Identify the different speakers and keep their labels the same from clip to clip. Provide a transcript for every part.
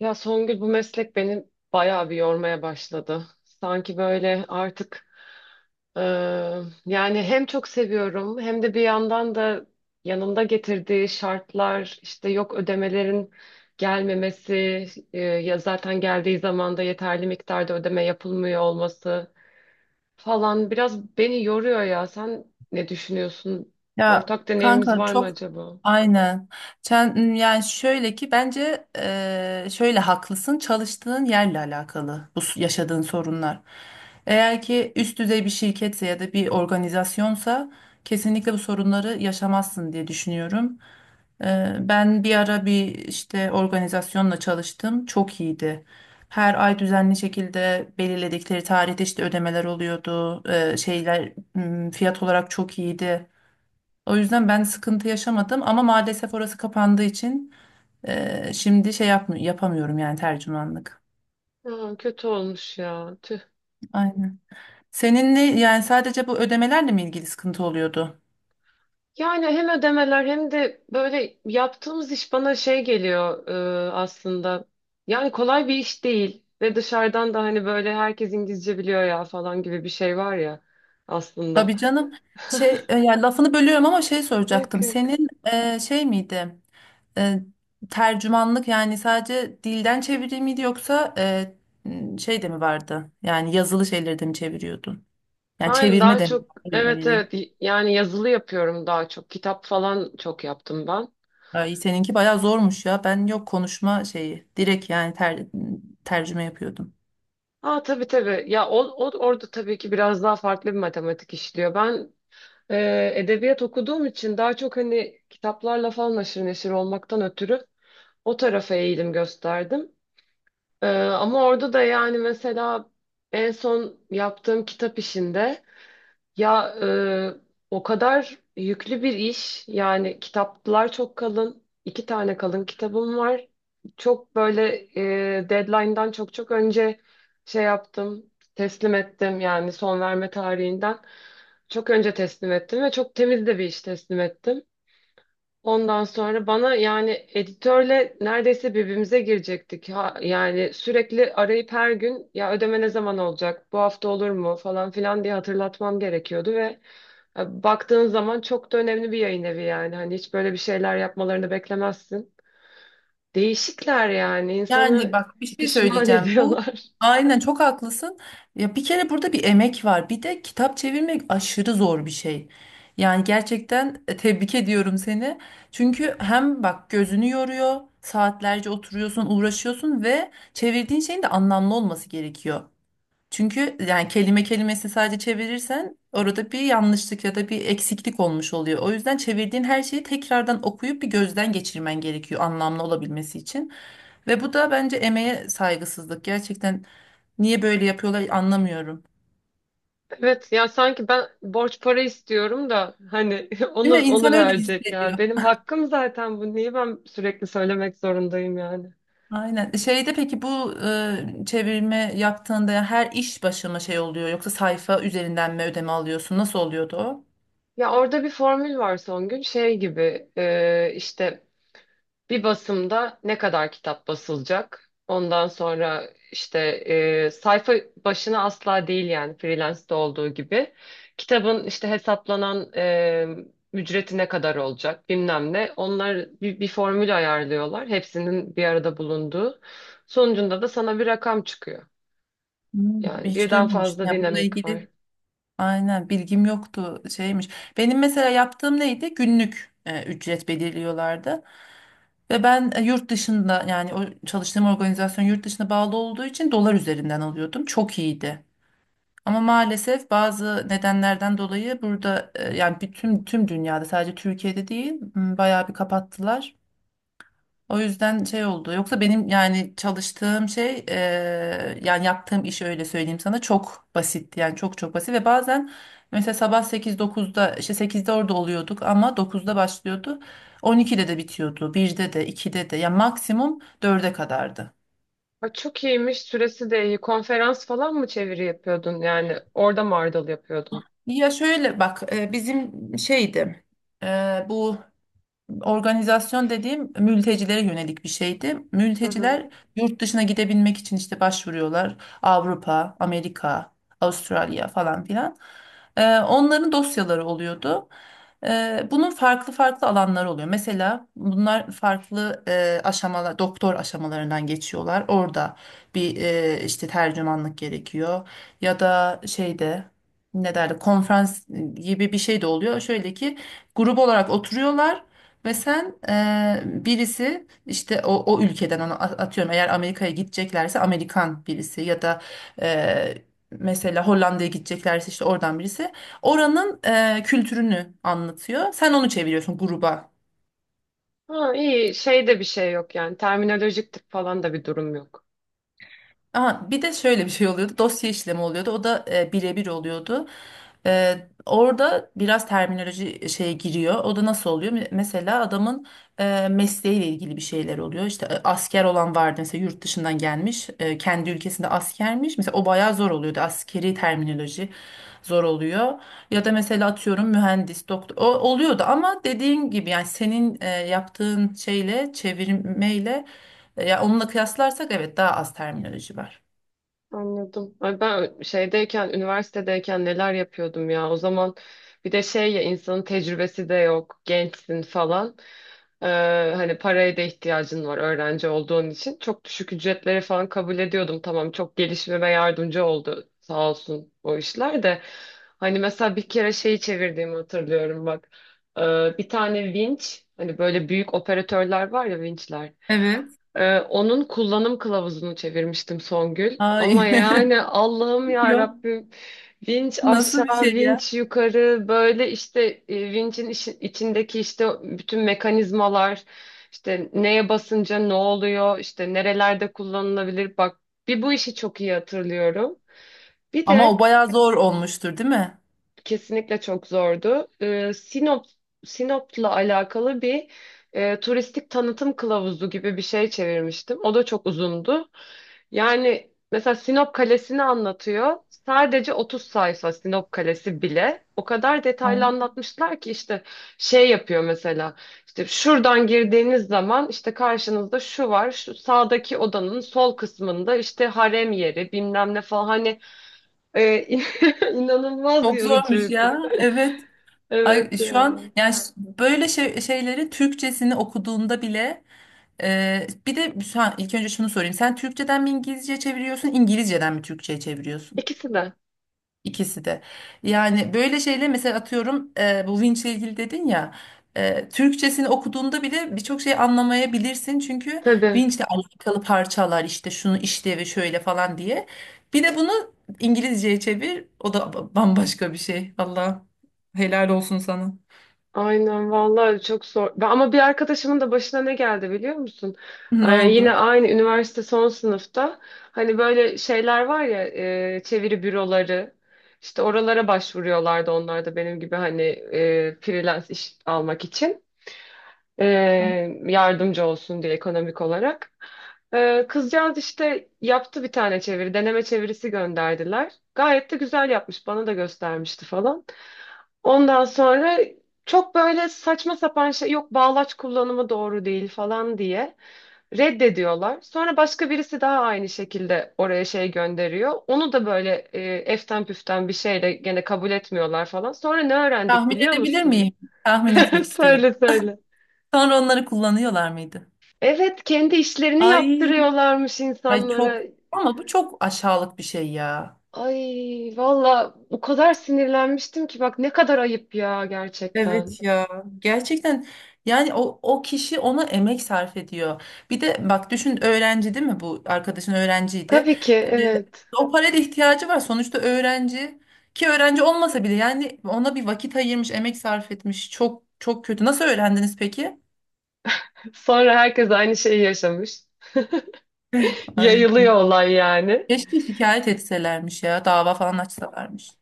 Speaker 1: Ya Songül, bu meslek beni bayağı bir yormaya başladı. Sanki böyle artık e, yani hem çok seviyorum hem de bir yandan da yanında getirdiği şartlar, işte yok ödemelerin gelmemesi, ya zaten geldiği zaman da yeterli miktarda ödeme yapılmıyor olması falan biraz beni yoruyor ya. Sen ne düşünüyorsun?
Speaker 2: Ya
Speaker 1: Ortak deneyimimiz
Speaker 2: kanka
Speaker 1: var mı
Speaker 2: çok
Speaker 1: acaba?
Speaker 2: aynen. Sen, yani şöyle ki bence şöyle haklısın çalıştığın yerle alakalı yaşadığın sorunlar. Eğer ki üst düzey bir şirketse ya da bir organizasyonsa kesinlikle bu sorunları yaşamazsın diye düşünüyorum. Ben bir ara bir işte organizasyonla çalıştım. Çok iyiydi. Her ay düzenli şekilde belirledikleri tarihte işte ödemeler oluyordu. Şeyler fiyat olarak çok iyiydi. O yüzden ben sıkıntı yaşamadım ama maalesef orası kapandığı için şimdi şey yapmı yapamıyorum yani tercümanlık.
Speaker 1: Aa, kötü olmuş ya. Tüh.
Speaker 2: Aynen. Seninle yani sadece bu ödemelerle mi ilgili sıkıntı oluyordu?
Speaker 1: Yani hem ödemeler hem de böyle yaptığımız iş bana şey geliyor aslında. Yani kolay bir iş değil ve dışarıdan da hani böyle herkes İngilizce biliyor ya falan gibi bir şey var ya aslında.
Speaker 2: Tabii canım. Şey yani lafını bölüyorum ama şey
Speaker 1: Yok
Speaker 2: soracaktım.
Speaker 1: yok.
Speaker 2: Senin şey miydi? E, Tercümanlık yani sadece dilden çeviri miydi yoksa şey de mi vardı? Yani yazılı şeyleri de mi çeviriyordun? Yani
Speaker 1: Ben
Speaker 2: çevirme
Speaker 1: daha
Speaker 2: de mi?
Speaker 1: çok,
Speaker 2: Öyle
Speaker 1: evet
Speaker 2: ayırayım.
Speaker 1: evet, yani yazılı yapıyorum daha çok. Kitap falan çok yaptım ben.
Speaker 2: Ay, seninki bayağı zormuş ya. Ben yok konuşma şeyi. Direkt yani tercüme yapıyordum.
Speaker 1: Aa, tabii tabii. Ya o orada tabii ki biraz daha farklı bir matematik işliyor. Ben, edebiyat okuduğum için daha çok hani kitaplarla falan haşır neşir olmaktan ötürü o tarafa eğilim gösterdim. Ama orada da yani mesela en son yaptığım kitap işinde, ya o kadar yüklü bir iş, yani kitaplar çok kalın, iki tane kalın kitabım var. Çok böyle, deadline'dan çok çok önce şey yaptım, teslim ettim, yani son verme tarihinden. Çok önce teslim ettim ve çok temiz de bir iş teslim ettim. Ondan sonra bana, yani editörle neredeyse birbirimize girecektik. Ha, yani sürekli arayıp her gün "Ya ödeme ne zaman olacak, bu hafta olur mu?" falan filan diye hatırlatmam gerekiyordu ve baktığın zaman çok da önemli bir yayın evi yani. Hani hiç böyle bir şeyler yapmalarını beklemezsin. Değişikler, yani
Speaker 2: Yani
Speaker 1: insanı
Speaker 2: bak bir şey
Speaker 1: pişman
Speaker 2: söyleyeceğim. Bu
Speaker 1: ediyorlar.
Speaker 2: aynen çok haklısın. Ya bir kere burada bir emek var. Bir de kitap çevirmek aşırı zor bir şey. Yani gerçekten tebrik ediyorum seni. Çünkü hem bak gözünü yoruyor, saatlerce oturuyorsun, uğraşıyorsun ve çevirdiğin şeyin de anlamlı olması gerekiyor. Çünkü yani kelime kelimesi sadece çevirirsen orada bir yanlışlık ya da bir eksiklik olmuş oluyor. O yüzden çevirdiğin her şeyi tekrardan okuyup bir gözden geçirmen gerekiyor anlamlı olabilmesi için. Ve bu da bence emeğe saygısızlık. Gerçekten niye böyle yapıyorlar anlamıyorum.
Speaker 1: Evet ya, sanki ben borç para istiyorum da hani
Speaker 2: Değil mi?
Speaker 1: onu
Speaker 2: İnsan öyle
Speaker 1: verecek yani.
Speaker 2: hissediyor.
Speaker 1: Benim hakkım zaten bu. Niye ben sürekli söylemek zorundayım yani?
Speaker 2: Aynen. Şeyde peki bu çevirme yaptığında her iş başı mı şey oluyor yoksa sayfa üzerinden mi ödeme alıyorsun? Nasıl oluyordu o?
Speaker 1: Ya orada bir formül var Songül, şey gibi, işte bir basımda ne kadar kitap basılacak? Ondan sonra işte, sayfa başına asla değil yani, freelance'de olduğu gibi. Kitabın işte hesaplanan ücreti ne kadar olacak, bilmem ne. Onlar bir formül ayarlıyorlar, hepsinin bir arada bulunduğu. Sonucunda da sana bir rakam çıkıyor.
Speaker 2: Hmm,
Speaker 1: Yani
Speaker 2: hiç
Speaker 1: birden
Speaker 2: duymamıştım
Speaker 1: fazla
Speaker 2: ya bununla
Speaker 1: dinamik
Speaker 2: ilgili.
Speaker 1: var.
Speaker 2: Aynen, bilgim yoktu şeymiş. Benim mesela yaptığım neydi? Günlük ücret belirliyorlardı. Ve ben yurt dışında yani o çalıştığım organizasyon yurt dışına bağlı olduğu için dolar üzerinden alıyordum. Çok iyiydi. Ama maalesef bazı nedenlerden dolayı burada yani tüm dünyada sadece Türkiye'de değil, bayağı bir kapattılar. O yüzden şey oldu. Yoksa benim yani çalıştığım şey yani yaptığım iş, öyle söyleyeyim sana, çok basit. Yani çok çok basit ve bazen mesela sabah dokuzda, işte sekizde orada oluyorduk ama dokuzda başlıyordu. 12'de de bitiyordu. Birde de 2'de de ya maksimum dörde kadardı.
Speaker 1: Ay, çok iyiymiş. Süresi de iyi. Konferans falan mı çeviri yapıyordun? Yani orada mı ardıl yapıyordun?
Speaker 2: Ya şöyle bak, bizim şeydi, bu organizasyon dediğim mültecilere yönelik bir şeydi.
Speaker 1: Hı hı.
Speaker 2: Mülteciler yurt dışına gidebilmek için işte başvuruyorlar. Avrupa, Amerika, Avustralya falan filan. Onların dosyaları oluyordu. Bunun farklı farklı alanları oluyor. Mesela bunlar farklı aşamalar, doktor aşamalarından geçiyorlar. Orada bir işte tercümanlık gerekiyor. Ya da şeyde ne derler, konferans gibi bir şey de oluyor. Şöyle ki grup olarak oturuyorlar. Ve sen birisi işte o ülkeden onu, atıyorum eğer Amerika'ya gideceklerse Amerikan birisi ya da eee, mesela Hollanda'ya gideceklerse işte oradan birisi oranın kültürünü anlatıyor. Sen onu çeviriyorsun gruba.
Speaker 1: Ha, iyi. Şey de bir şey yok yani, terminolojik tık falan da bir durum yok.
Speaker 2: Aha, bir de şöyle bir şey oluyordu. Dosya işlemi oluyordu. O da birebir oluyordu. E, Orada biraz terminoloji şeye giriyor. O da nasıl oluyor? Mesela adamın mesleğiyle ilgili bir şeyler oluyor. İşte asker olan vardı mesela yurt dışından gelmiş. Kendi ülkesinde askermiş. Mesela o bayağı zor oluyordu. Askeri terminoloji zor oluyor. Ya da mesela atıyorum mühendis, doktor. O oluyordu ama dediğin gibi yani senin yaptığın şeyle, çevirmeyle ya onunla kıyaslarsak evet, daha az terminoloji var.
Speaker 1: Anladım. Ay ben şeydeyken, üniversitedeyken neler yapıyordum ya. O zaman bir de şey ya, insanın tecrübesi de yok, gençsin falan. Ee, Hani paraya da ihtiyacın var öğrenci olduğun için. Çok düşük ücretleri falan kabul ediyordum. Tamam, çok gelişmeme yardımcı oldu sağ olsun o işler de. Hani mesela bir kere şeyi çevirdiğimi hatırlıyorum bak. Bir tane vinç, hani böyle büyük operatörler var ya, vinçler.
Speaker 2: Evet.
Speaker 1: Onun kullanım kılavuzunu çevirmiştim Songül. Ama
Speaker 2: Ay,
Speaker 1: yani Allah'ım ya
Speaker 2: yok.
Speaker 1: Rabbim, vinç
Speaker 2: Nasıl bir
Speaker 1: aşağı,
Speaker 2: şey ya?
Speaker 1: vinç yukarı, böyle işte vinçin işi- içindeki işte bütün mekanizmalar, işte neye basınca ne oluyor, işte nerelerde kullanılabilir, bak bir bu işi çok iyi hatırlıyorum. Bir
Speaker 2: Ama o
Speaker 1: de
Speaker 2: bayağı zor olmuştur, değil mi?
Speaker 1: kesinlikle çok zordu. Sinop'la alakalı bir turistik tanıtım kılavuzu gibi bir şey çevirmiştim. O da çok uzundu. Yani mesela Sinop Kalesi'ni anlatıyor. Sadece 30 sayfa Sinop Kalesi bile. O kadar detaylı
Speaker 2: Ay,
Speaker 1: anlatmışlar ki işte şey yapıyor mesela. İşte şuradan girdiğiniz zaman işte karşınızda şu var. Şu sağdaki odanın sol kısmında işte harem yeri bilmem ne falan. Hani e, inanılmaz
Speaker 2: çok zormuş
Speaker 1: yorucuydu.
Speaker 2: ya. Evet. Ay
Speaker 1: Evet
Speaker 2: şu an
Speaker 1: ya.
Speaker 2: yani, böyle şeyleri Türkçesini okuduğunda bile bir de şu an ilk önce şunu sorayım. Sen Türkçeden mi İngilizce çeviriyorsun, İngilizceden mi Türkçe'ye çeviriyorsun?
Speaker 1: İkisi de.
Speaker 2: İkisi de. Yani böyle şeyle mesela atıyorum bu vinçle ilgili dedin ya, Türkçesini okuduğunda bile birçok şey anlamayabilirsin çünkü
Speaker 1: Tabii.
Speaker 2: vinçle alakalı parçalar işte şunu işlevi şöyle falan diye. Bir de bunu İngilizceye çevir, o da bambaşka bir şey. Allah helal olsun sana.
Speaker 1: Aynen vallahi çok zor. Ben- ama bir arkadaşımın da başına ne geldi biliyor musun?
Speaker 2: Ne
Speaker 1: Yine
Speaker 2: oldu?
Speaker 1: aynı üniversite son sınıfta, hani böyle şeyler var ya, çeviri büroları, işte oralara başvuruyorlardı onlar da benim gibi, hani freelance iş almak için, e, yardımcı olsun diye ekonomik olarak. E, kızcağız işte yaptı bir tane çeviri, deneme çevirisi gönderdiler. Gayet de güzel yapmış, bana da göstermişti falan. Ondan sonra çok böyle saçma sapan şey, yok bağlaç kullanımı doğru değil falan diye reddediyorlar. Sonra başka birisi daha aynı şekilde oraya şey gönderiyor. Onu da böyle, eften püften bir şeyle gene kabul etmiyorlar falan. Sonra ne öğrendik
Speaker 2: Tahmin
Speaker 1: biliyor
Speaker 2: edebilir
Speaker 1: musun?
Speaker 2: miyim? Tahmin etmek istiyorum.
Speaker 1: Söyle söyle.
Speaker 2: Sonra onları kullanıyorlar mıydı?
Speaker 1: Evet, kendi işlerini
Speaker 2: Ay,
Speaker 1: yaptırıyorlarmış
Speaker 2: ay
Speaker 1: insanlara.
Speaker 2: çok, ama bu çok aşağılık bir şey ya.
Speaker 1: Ay valla, o kadar sinirlenmiştim ki, bak ne kadar ayıp ya gerçekten.
Speaker 2: Evet ya, gerçekten yani o kişi ona emek sarf ediyor. Bir de bak düşün, öğrenci değil mi, bu arkadaşın öğrenciydi.
Speaker 1: Tabii ki
Speaker 2: Ee,
Speaker 1: evet.
Speaker 2: O paraya da ihtiyacı var sonuçta, öğrenci. Ki öğrenci olmasa bile yani ona bir vakit ayırmış, emek sarf etmiş. Çok çok kötü. Nasıl öğrendiniz peki?
Speaker 1: Sonra herkes aynı şeyi yaşamış.
Speaker 2: Ay
Speaker 1: Yayılıyor olay yani.
Speaker 2: keşke şikayet etselermiş ya, dava falan açsalarmış.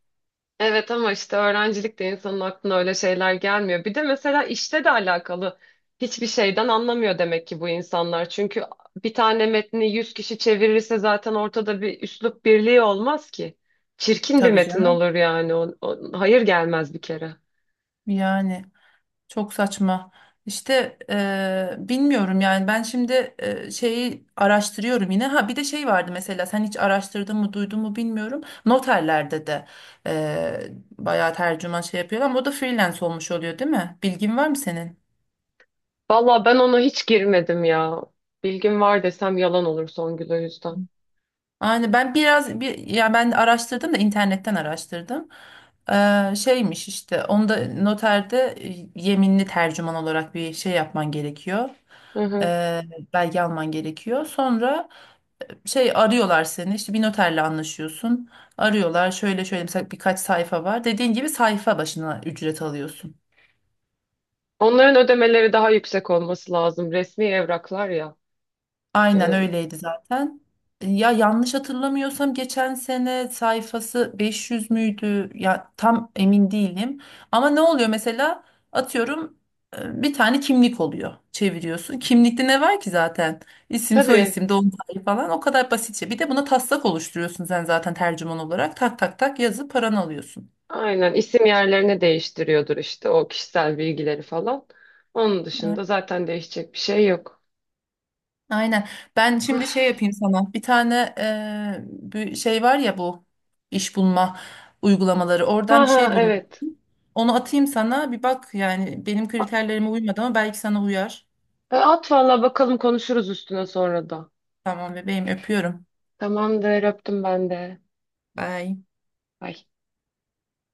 Speaker 1: Evet, ama işte öğrencilikte insanın aklına öyle şeyler gelmiyor. Bir de mesela işte de alakalı hiçbir şeyden anlamıyor demek ki bu insanlar. Çünkü bir tane metni 100 kişi çevirirse zaten ortada bir üslup birliği olmaz ki. Çirkin bir
Speaker 2: Tabii
Speaker 1: metin
Speaker 2: canım
Speaker 1: olur yani. Hayır, gelmez bir kere.
Speaker 2: yani. Çok saçma. İşte bilmiyorum yani ben şimdi şeyi araştırıyorum yine. Ha bir de şey vardı, mesela sen hiç araştırdın mı, duydun mu bilmiyorum. Noterlerde de eee bayağı tercüman şey yapıyorlar ama o da freelance olmuş oluyor değil mi? Bilgin var mı senin?
Speaker 1: Valla ben ona hiç girmedim ya. Bilgim var desem yalan olur Songül, o yüzden.
Speaker 2: Yani ben biraz ya ben araştırdım da internetten araştırdım. Şeymiş işte, onda noterde yeminli tercüman olarak bir şey yapman gerekiyor.
Speaker 1: Hı hı.
Speaker 2: Eee belge alman gerekiyor. Sonra şey arıyorlar seni, işte bir noterle anlaşıyorsun, arıyorlar şöyle şöyle, mesela birkaç sayfa var, dediğin gibi sayfa başına ücret alıyorsun.
Speaker 1: Onların ödemeleri daha yüksek olması lazım, resmi evraklar ya.
Speaker 2: Aynen
Speaker 1: Ee,
Speaker 2: öyleydi zaten. Ya yanlış hatırlamıyorsam geçen sene sayfası 500 müydü ya, tam emin değilim ama ne oluyor mesela, atıyorum bir tane kimlik oluyor, çeviriyorsun. Kimlikte ne var ki zaten, isim soy
Speaker 1: tabii,
Speaker 2: isim doğum tarihi falan, o kadar basitçe. Bir de buna taslak oluşturuyorsun sen zaten tercüman olarak, tak tak tak yazıp paranı alıyorsun.
Speaker 1: aynen, isim yerlerini değiştiriyordur işte, o kişisel bilgileri falan. Onun dışında zaten değişecek bir şey yok.
Speaker 2: Aynen. Ben şimdi şey yapayım sana. Bir tane bir şey var ya bu iş bulma uygulamaları.
Speaker 1: Ha
Speaker 2: Oradan bir
Speaker 1: ha,
Speaker 2: şey bulun.
Speaker 1: evet.
Speaker 2: Onu atayım sana. Bir bak yani, benim kriterlerime uymadı ama belki sana uyar.
Speaker 1: E, at valla, bakalım konuşuruz üstüne sonra da.
Speaker 2: Tamam bebeğim, öpüyorum.
Speaker 1: Tamamdır, öptüm ben de.
Speaker 2: Bye.
Speaker 1: Bay.